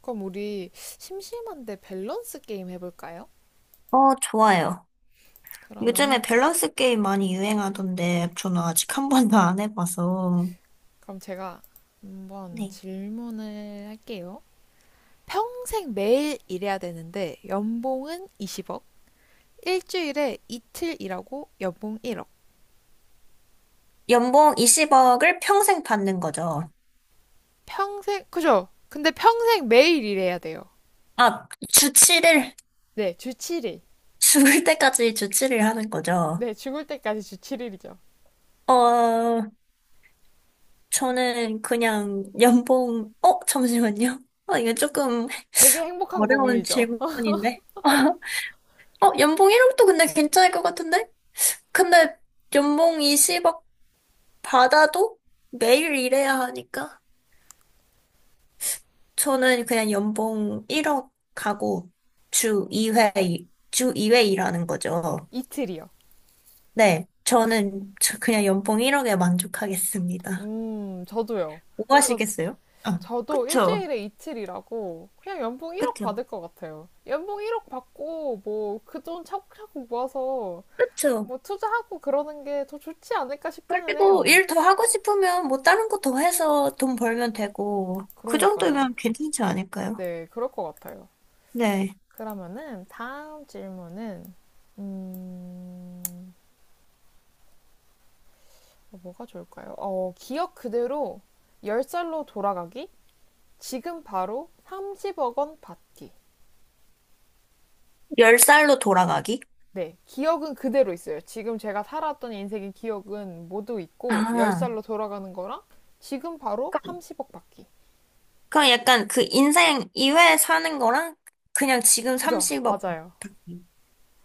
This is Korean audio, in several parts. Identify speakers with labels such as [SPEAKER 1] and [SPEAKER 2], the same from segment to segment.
[SPEAKER 1] 그럼 우리 심심한데 밸런스 게임 해볼까요?
[SPEAKER 2] 좋아요.
[SPEAKER 1] 그러면
[SPEAKER 2] 요즘에 밸런스 게임 많이 유행하던데 저는 아직 한 번도 안 해봐서.
[SPEAKER 1] 그럼 제가 한번
[SPEAKER 2] 네.
[SPEAKER 1] 질문을 할게요. 평생 매일 일해야 되는데 연봉은 20억, 일주일에 이틀 일하고 연봉 1억.
[SPEAKER 2] 연봉 20억을 평생 받는 거죠.
[SPEAKER 1] 평생 그죠? 근데 평생 매일 일해야 돼요.
[SPEAKER 2] 아, 주치를,
[SPEAKER 1] 네, 주 7일.
[SPEAKER 2] 죽을 때까지 주치를 하는 거죠.
[SPEAKER 1] 네, 죽을 때까지 주 7일이죠.
[SPEAKER 2] 어, 저는 그냥 연봉, 잠시만요. 이거 조금
[SPEAKER 1] 되게 행복한
[SPEAKER 2] 어려운
[SPEAKER 1] 고민이죠.
[SPEAKER 2] 질문인데. 연봉 1억도 근데 괜찮을 것 같은데? 근데 연봉 20억 받아도 매일 일해야 하니까. 저는 그냥 연봉 1억 하고 주 2회, 주 이회 일하는 거죠.
[SPEAKER 1] 이틀이요.
[SPEAKER 2] 네, 저는 그냥 연봉 1억에 만족하겠습니다.
[SPEAKER 1] 저도요.
[SPEAKER 2] 뭐
[SPEAKER 1] 저
[SPEAKER 2] 하시겠어요? 아,
[SPEAKER 1] 저도
[SPEAKER 2] 그쵸.
[SPEAKER 1] 일주일에 이틀이라고 그냥 연봉 1억
[SPEAKER 2] 그쵸.
[SPEAKER 1] 받을 것 같아요. 연봉 1억 받고 뭐 그 돈 차곡차곡 모아서
[SPEAKER 2] 그쵸.
[SPEAKER 1] 뭐 투자하고 그러는 게 더 좋지 않을까 싶기는
[SPEAKER 2] 그리고
[SPEAKER 1] 해요.
[SPEAKER 2] 일 더 하고 싶으면 뭐 다른 거 더 해서 돈 벌면 되고, 그
[SPEAKER 1] 그러니까요.
[SPEAKER 2] 정도면 괜찮지 않을까요?
[SPEAKER 1] 네, 그럴 것 같아요.
[SPEAKER 2] 네.
[SPEAKER 1] 그러면은 다음 질문은 음, 뭐가 좋을까요? 기억 그대로 10살로 돌아가기? 지금 바로 30억 원 받기.
[SPEAKER 2] 10살로 돌아가기?
[SPEAKER 1] 네, 기억은 그대로 있어요. 지금 제가 살았던 인생의 기억은 모두 있고,
[SPEAKER 2] 아,
[SPEAKER 1] 10살로 돌아가는 거랑 지금 바로
[SPEAKER 2] 그럼
[SPEAKER 1] 30억 받기.
[SPEAKER 2] 그럼 약간 그 인생 2회 사는 거랑 그냥 지금
[SPEAKER 1] 그죠?
[SPEAKER 2] 30억.
[SPEAKER 1] 맞아요.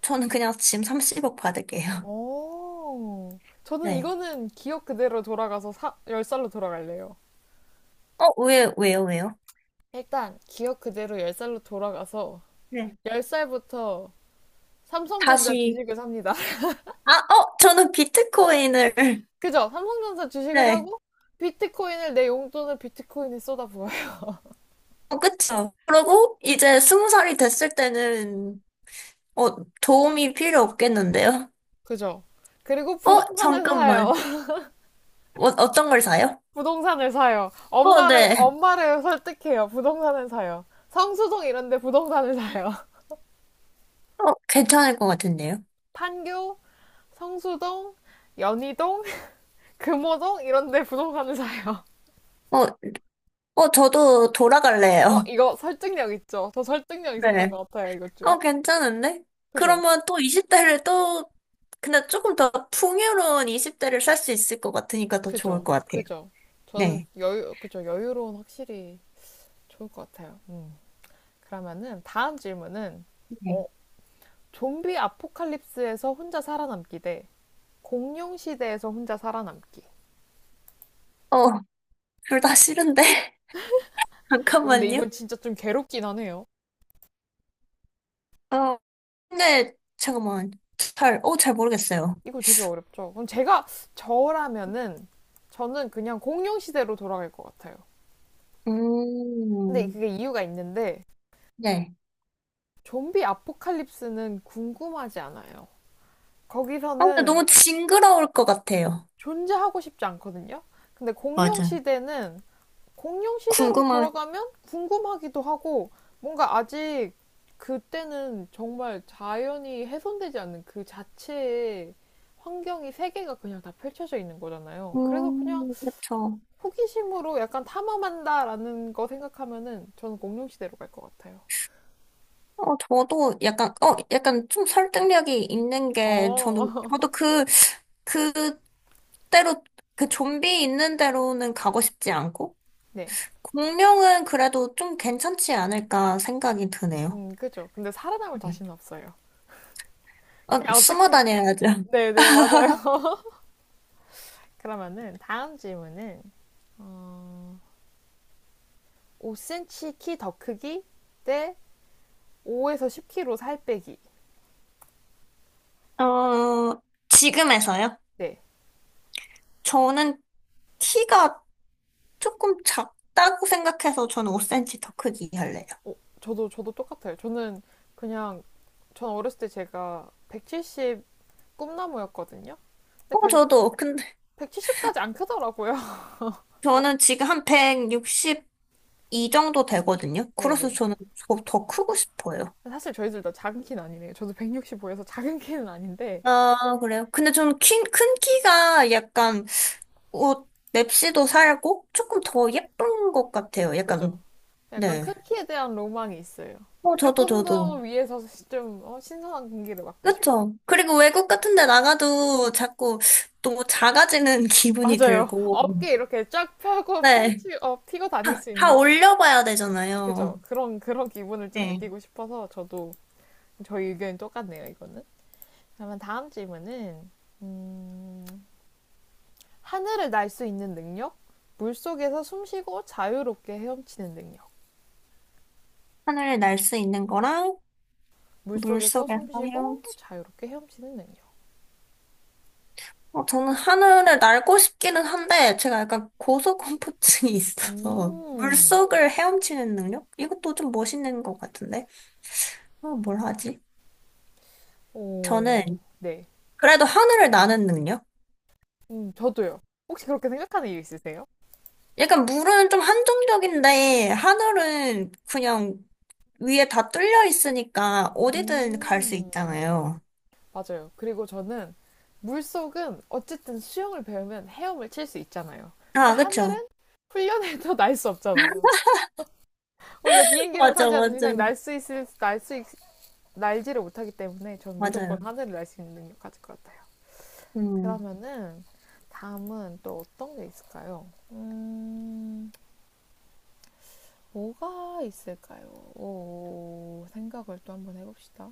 [SPEAKER 2] 저는 그냥 지금 30억 받을게요.
[SPEAKER 1] 오, 저는
[SPEAKER 2] 네.
[SPEAKER 1] 이거는 기억 그대로 돌아가서 10살로 돌아갈래요.
[SPEAKER 2] 어, 왜요, 왜요?
[SPEAKER 1] 일단, 기억 그대로 10살로 돌아가서
[SPEAKER 2] 네.
[SPEAKER 1] 10살부터 삼성전자
[SPEAKER 2] 다시,
[SPEAKER 1] 주식을 삽니다.
[SPEAKER 2] 아, 저는 비트코인을,
[SPEAKER 1] 그죠? 삼성전자 주식을
[SPEAKER 2] 네.
[SPEAKER 1] 사고, 비트코인을 내 용돈을 비트코인에 쏟아부어요.
[SPEAKER 2] 그쵸. 그러고, 이제 20살이 됐을 때는, 어, 도움이 필요 없겠는데요?
[SPEAKER 1] 그죠? 그리고 부동산을 사요.
[SPEAKER 2] 잠깐만. 어떤 걸 사요?
[SPEAKER 1] 부동산을 사요. 엄마를,
[SPEAKER 2] 네.
[SPEAKER 1] 엄마를 설득해요. 부동산을 사요. 성수동 이런데 부동산을 사요.
[SPEAKER 2] 괜찮을 것 같은데요?
[SPEAKER 1] 판교, 성수동, 연희동, 금호동 이런데 부동산을 사요.
[SPEAKER 2] 어, 저도
[SPEAKER 1] 어,
[SPEAKER 2] 돌아갈래요.
[SPEAKER 1] 이거 설득력 있죠? 저 설득력 있었던
[SPEAKER 2] 네.
[SPEAKER 1] 것 같아요, 이것 좀.
[SPEAKER 2] 괜찮은데?
[SPEAKER 1] 그죠?
[SPEAKER 2] 그러면 또 20대를 또, 근데 조금 더 풍요로운 20대를 살 수 있을 것 같으니까 더 좋을
[SPEAKER 1] 그죠?
[SPEAKER 2] 것 같아요.
[SPEAKER 1] 그죠? 저는
[SPEAKER 2] 네.
[SPEAKER 1] 여유, 그죠? 여유로운 확실히 좋을 것 같아요. 음. 그러면은 다음 질문은,
[SPEAKER 2] 네.
[SPEAKER 1] 어, 좀비 아포칼립스에서 혼자 살아남기 대 공룡 시대에서 혼자 살아남기.
[SPEAKER 2] 어, 둘 다 싫은데?
[SPEAKER 1] 어, 근데
[SPEAKER 2] 잠깐만요.
[SPEAKER 1] 이건 진짜 좀 괴롭긴 하네요.
[SPEAKER 2] 어, 근데, 잠깐만. 잘 모르겠어요.
[SPEAKER 1] 이거 되게 어렵죠. 그럼 제가 저라면은 저는 그냥 공룡 시대로 돌아갈 것 같아요. 근데
[SPEAKER 2] 음,
[SPEAKER 1] 그게 이유가 있는데
[SPEAKER 2] 네.
[SPEAKER 1] 좀비 아포칼립스는 궁금하지 않아요.
[SPEAKER 2] 아, 근데
[SPEAKER 1] 거기서는
[SPEAKER 2] 너무 징그러울 것 같아요.
[SPEAKER 1] 존재하고 싶지 않거든요. 근데 공룡
[SPEAKER 2] 맞아.
[SPEAKER 1] 시대는 공룡 시대로
[SPEAKER 2] 궁금한,
[SPEAKER 1] 돌아가면 궁금하기도 하고 뭔가 아직 그때는 정말 자연이 훼손되지 않는 그 자체의 환경이 세계가 그냥 다 펼쳐져 있는 거잖아요. 그래서 그냥
[SPEAKER 2] 그쵸.
[SPEAKER 1] 호기심으로 약간 탐험한다라는 거 생각하면은 저는 공룡 시대로 갈 것 같아요.
[SPEAKER 2] 저도 약간, 약간 좀 설득력이 있는 게,
[SPEAKER 1] 어,
[SPEAKER 2] 저도 그, 그대로 그 좀비 있는 대로는 가고 싶지 않고
[SPEAKER 1] 네,
[SPEAKER 2] 공룡은 그래도 좀 괜찮지 않을까 생각이 드네요.
[SPEAKER 1] 그죠. 근데 살아남을
[SPEAKER 2] 네.
[SPEAKER 1] 자신은 없어요. 그냥
[SPEAKER 2] 숨어
[SPEAKER 1] 어떻게?
[SPEAKER 2] 다녀야죠.
[SPEAKER 1] 네, 네, 맞아요. 그러면은 다음 질문은 어, 5cm 키 더 크기 대 5에서 10kg 살 빼기.
[SPEAKER 2] 어, 지금에서요?
[SPEAKER 1] 네.
[SPEAKER 2] 저는 키가 조금 작다고 생각해서 저는 5cm 더 크기 할래요.
[SPEAKER 1] 어, 저도 저도 똑같아요. 저는 그냥 전 어렸을 때 제가 170 꿈나무였거든요. 근데
[SPEAKER 2] 저도. 근데
[SPEAKER 1] 1칠십7 0까지 안 크더라고요.
[SPEAKER 2] 저는 지금 한 162 정도 되거든요. 그래서
[SPEAKER 1] 네네.
[SPEAKER 2] 저는 더 크고 싶어요.
[SPEAKER 1] 사실 저희들 다 작은 키는 아니네요. 저도 165여서 작은 키는 아닌데
[SPEAKER 2] 아, 그래요? 근데 저는 큰 키가 약간 옷 맵시도 살고 조금 더 예쁜 것 같아요.
[SPEAKER 1] 그죠?
[SPEAKER 2] 약간
[SPEAKER 1] 약간 큰
[SPEAKER 2] 네.
[SPEAKER 1] 키에 대한 로망이 있어요.
[SPEAKER 2] 저도
[SPEAKER 1] 조금 더
[SPEAKER 2] 저도
[SPEAKER 1] 위에서 좀 어, 신선한 공기를 맡고 싶은.
[SPEAKER 2] 그쵸. 그리고 외국 같은 데 나가도 자꾸 너무 작아지는 기분이
[SPEAKER 1] 맞아요.
[SPEAKER 2] 들고
[SPEAKER 1] 어깨 이렇게 쫙 펴고
[SPEAKER 2] 네.
[SPEAKER 1] 피고 다닐
[SPEAKER 2] 다,
[SPEAKER 1] 수
[SPEAKER 2] 다
[SPEAKER 1] 있는
[SPEAKER 2] 올려봐야
[SPEAKER 1] 그죠?
[SPEAKER 2] 되잖아요.
[SPEAKER 1] 그런 기분을 좀
[SPEAKER 2] 네.
[SPEAKER 1] 느끼고 싶어서 저도 저희 의견이 똑같네요, 이거는. 그러면 다음 질문은, 음, 하늘을 날 수 있는 능력? 물 속에서 숨 쉬고 자유롭게 헤엄치는 능력.
[SPEAKER 2] 하늘을 날 수 있는 거랑
[SPEAKER 1] 물 속에서
[SPEAKER 2] 물속에서
[SPEAKER 1] 숨 쉬고
[SPEAKER 2] 헤엄, 치.
[SPEAKER 1] 자유롭게 헤엄치는 능력.
[SPEAKER 2] 저는 하늘을 날고 싶기는 한데 제가 약간 고소공포증이 있어서
[SPEAKER 1] 음,
[SPEAKER 2] 물속을 헤엄치는 능력? 이것도 좀 멋있는 것 같은데. 뭘 하지? 저는
[SPEAKER 1] 오, 네.
[SPEAKER 2] 그래도 하늘을 나는 능력?
[SPEAKER 1] 저도요. 혹시 그렇게 생각하는 이유 있으세요?
[SPEAKER 2] 약간 물은 좀 한정적인데, 하늘은 그냥 위에 다 뚫려 있으니까 어디든 갈 수
[SPEAKER 1] 음,
[SPEAKER 2] 있잖아요.
[SPEAKER 1] 맞아요. 그리고 저는 물속은 어쨌든 수영을 배우면 헤엄을 칠 수 있잖아요. 근데
[SPEAKER 2] 아, 그쵸.
[SPEAKER 1] 하늘은 훈련해도 날 수 없잖아요. 우리가 비행기를
[SPEAKER 2] 맞아,
[SPEAKER 1] 타지 않는
[SPEAKER 2] 맞아.
[SPEAKER 1] 이상 날 수 있을 날 수 날지를 못하기 때문에 전 무조건
[SPEAKER 2] 맞아요.
[SPEAKER 1] 하늘을 날 수 있는 능력 가질 것 같아요.
[SPEAKER 2] 음.
[SPEAKER 1] 그러면은 다음은 또 어떤 게 있을까요? 뭐가 있을까요? 오, 생각을 또 한번 해봅시다.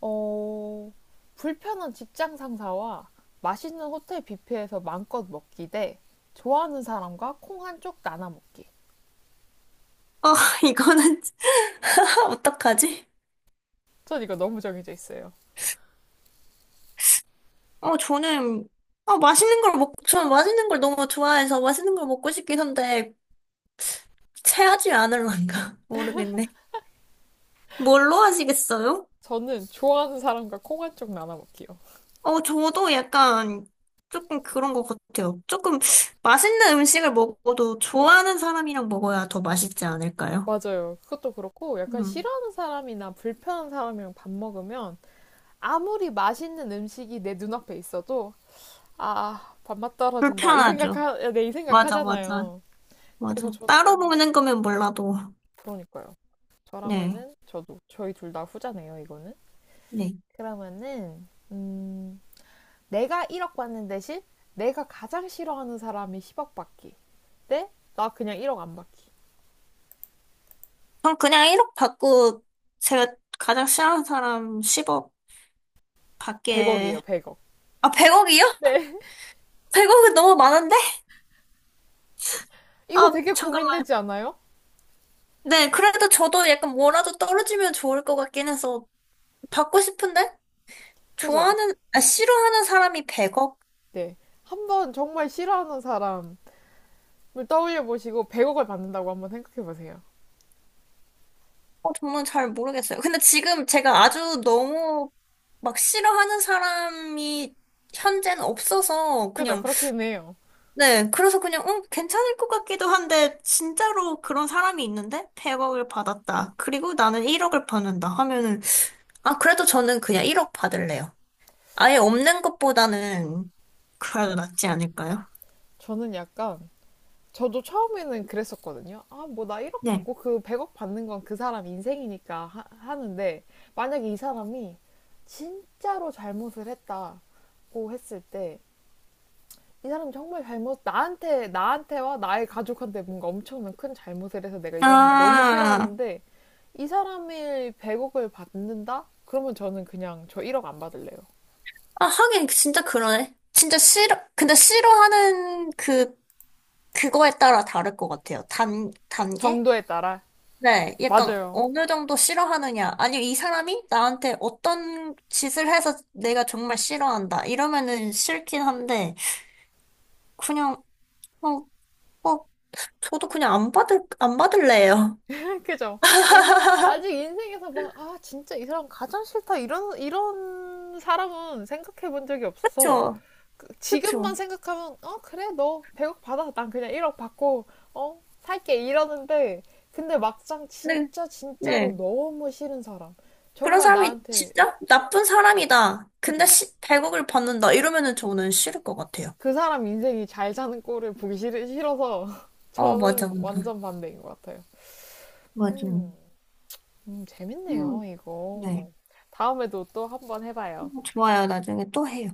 [SPEAKER 1] 어, 불편한 직장 상사와 맛있는 호텔 뷔페에서 마음껏 먹기 대 좋아하는 사람과 콩 한쪽 나눠 먹기.
[SPEAKER 2] 아, 진 어떡하지?
[SPEAKER 1] 전 이거 너무 정해져 있어요.
[SPEAKER 2] 어, 저는, 아, 저는 맛있는 걸 너무 좋아해서 맛있는 걸 먹고 싶긴 한데, 체하지 않을런가? 모르겠네. 뭘로 하시겠어요?
[SPEAKER 1] 저는 좋아하는 사람과 콩 한쪽 나눠 먹기요.
[SPEAKER 2] 저도 약간 조금 그런 것 같아요. 조금 맛있는 음식을 먹어도 좋아하는 사람이랑 먹어야 더 맛있지 않을까요?
[SPEAKER 1] 맞아요. 그것도 그렇고 약간
[SPEAKER 2] 음,
[SPEAKER 1] 싫어하는 사람이나 불편한 사람이랑 밥 먹으면 아무리 맛있는 음식이 내 눈앞에 있어도 아, 밥맛 떨어진다.
[SPEAKER 2] 불편하죠.
[SPEAKER 1] 네, 이
[SPEAKER 2] 맞아, 맞아,
[SPEAKER 1] 생각하잖아요.
[SPEAKER 2] 맞아.
[SPEAKER 1] 그래서
[SPEAKER 2] 따로
[SPEAKER 1] 저는
[SPEAKER 2] 먹는 거면 몰라도.
[SPEAKER 1] 그러니까요.
[SPEAKER 2] 네,
[SPEAKER 1] 저라면은 저도 저희 둘 다 후자네요, 이거는.
[SPEAKER 2] 네.
[SPEAKER 1] 그러면은 내가 1억 받는 대신 내가 가장 싫어하는 사람이 10억 받기. 네? 나 그냥 1억 안 받기.
[SPEAKER 2] 전 그냥 1억 받고 제가 가장 싫어하는 사람 10억 받게.
[SPEAKER 1] 100억이에요, 100억.
[SPEAKER 2] 아, 100억이요?
[SPEAKER 1] 네.
[SPEAKER 2] 100억은 너무 많은데?
[SPEAKER 1] 이거
[SPEAKER 2] 아,
[SPEAKER 1] 되게
[SPEAKER 2] 잠깐만.
[SPEAKER 1] 고민되지 않아요?
[SPEAKER 2] 네, 그래도 저도 약간 뭐라도 떨어지면 좋을 것 같긴 해서 받고 싶은데?
[SPEAKER 1] 그죠?
[SPEAKER 2] 아, 싫어하는 사람이 100억?
[SPEAKER 1] 네. 한번 정말 싫어하는 사람을 떠올려 보시고 100억을 받는다고 한번 생각해 보세요.
[SPEAKER 2] 정말 잘 모르겠어요. 근데 지금 제가 아주 너무 막 싫어하는 사람이 현재는 없어서
[SPEAKER 1] 그죠?
[SPEAKER 2] 그냥,
[SPEAKER 1] 그렇긴 해요.
[SPEAKER 2] 네, 그래서 그냥, 응, 괜찮을 것 같기도 한데, 진짜로 그런 사람이 있는데? 100억을 받았다. 그리고 나는 1억을 받는다 하면은, 아, 그래도 저는 그냥 1억 받을래요. 아예 없는 것보다는 그래도 낫지 않을까요?
[SPEAKER 1] 저는 약간, 저도 처음에는 그랬었거든요. 아, 뭐 나 1억
[SPEAKER 2] 네.
[SPEAKER 1] 받고 그 100억 받는 건 그 사람 인생이니까 하는데, 만약에 이 사람이 진짜로 잘못을 했다고 했을 때, 이 사람 정말 잘못, 나한테와 나의 가족한테 뭔가 엄청난 큰 잘못을 해서 내가 이 사람을 너무
[SPEAKER 2] 아,
[SPEAKER 1] 싫어하는데, 이 사람일 100억을 받는다? 그러면 저는 그냥 저 1억 안 받을래요.
[SPEAKER 2] 아, 하긴 진짜 그러네. 진짜 싫어, 근데 싫어하는 그, 그거에 따라 다를 것 같아요. 단계?
[SPEAKER 1] 정도에 따라.
[SPEAKER 2] 네, 약간
[SPEAKER 1] 맞아요.
[SPEAKER 2] 어느 정도 싫어하느냐. 아니면 이 사람이 나한테 어떤 짓을 해서 내가 정말 싫어한다. 이러면은 싫긴 한데, 그냥, 어, 어, 저도 그냥 안 받을래요.
[SPEAKER 1] 그죠? 인생, 아직 인생에서 막, 아, 진짜 이 사람 가장 싫다. 이런 사람은 생각해 본 적이 없어.
[SPEAKER 2] 그쵸,
[SPEAKER 1] 그,
[SPEAKER 2] 그쵸.
[SPEAKER 1] 지금만 생각하면, 어, 그래, 너 100억 받아. 난 그냥 1억 받고, 어, 살게. 이러는데, 근데 막상
[SPEAKER 2] 네,
[SPEAKER 1] 진짜로
[SPEAKER 2] 네.
[SPEAKER 1] 너무 싫은 사람.
[SPEAKER 2] 그런
[SPEAKER 1] 정말
[SPEAKER 2] 사람이
[SPEAKER 1] 나한테,
[SPEAKER 2] 진짜 나쁜 사람이다. 근데
[SPEAKER 1] 그죠?
[SPEAKER 2] 100억을 받는다. 이러면은 저는 싫을 것 같아요.
[SPEAKER 1] 그 사람 인생이 잘 사는 꼴을 보기 싫어서
[SPEAKER 2] 맞아,
[SPEAKER 1] 저는
[SPEAKER 2] 맞아.
[SPEAKER 1] 완전 반대인 것 같아요.
[SPEAKER 2] 맞아.
[SPEAKER 1] 음. 재밌네요,
[SPEAKER 2] 음, 네.
[SPEAKER 1] 이거. 다음에도 또 한번 해봐요.
[SPEAKER 2] 좋아요. 나중에 또 해요.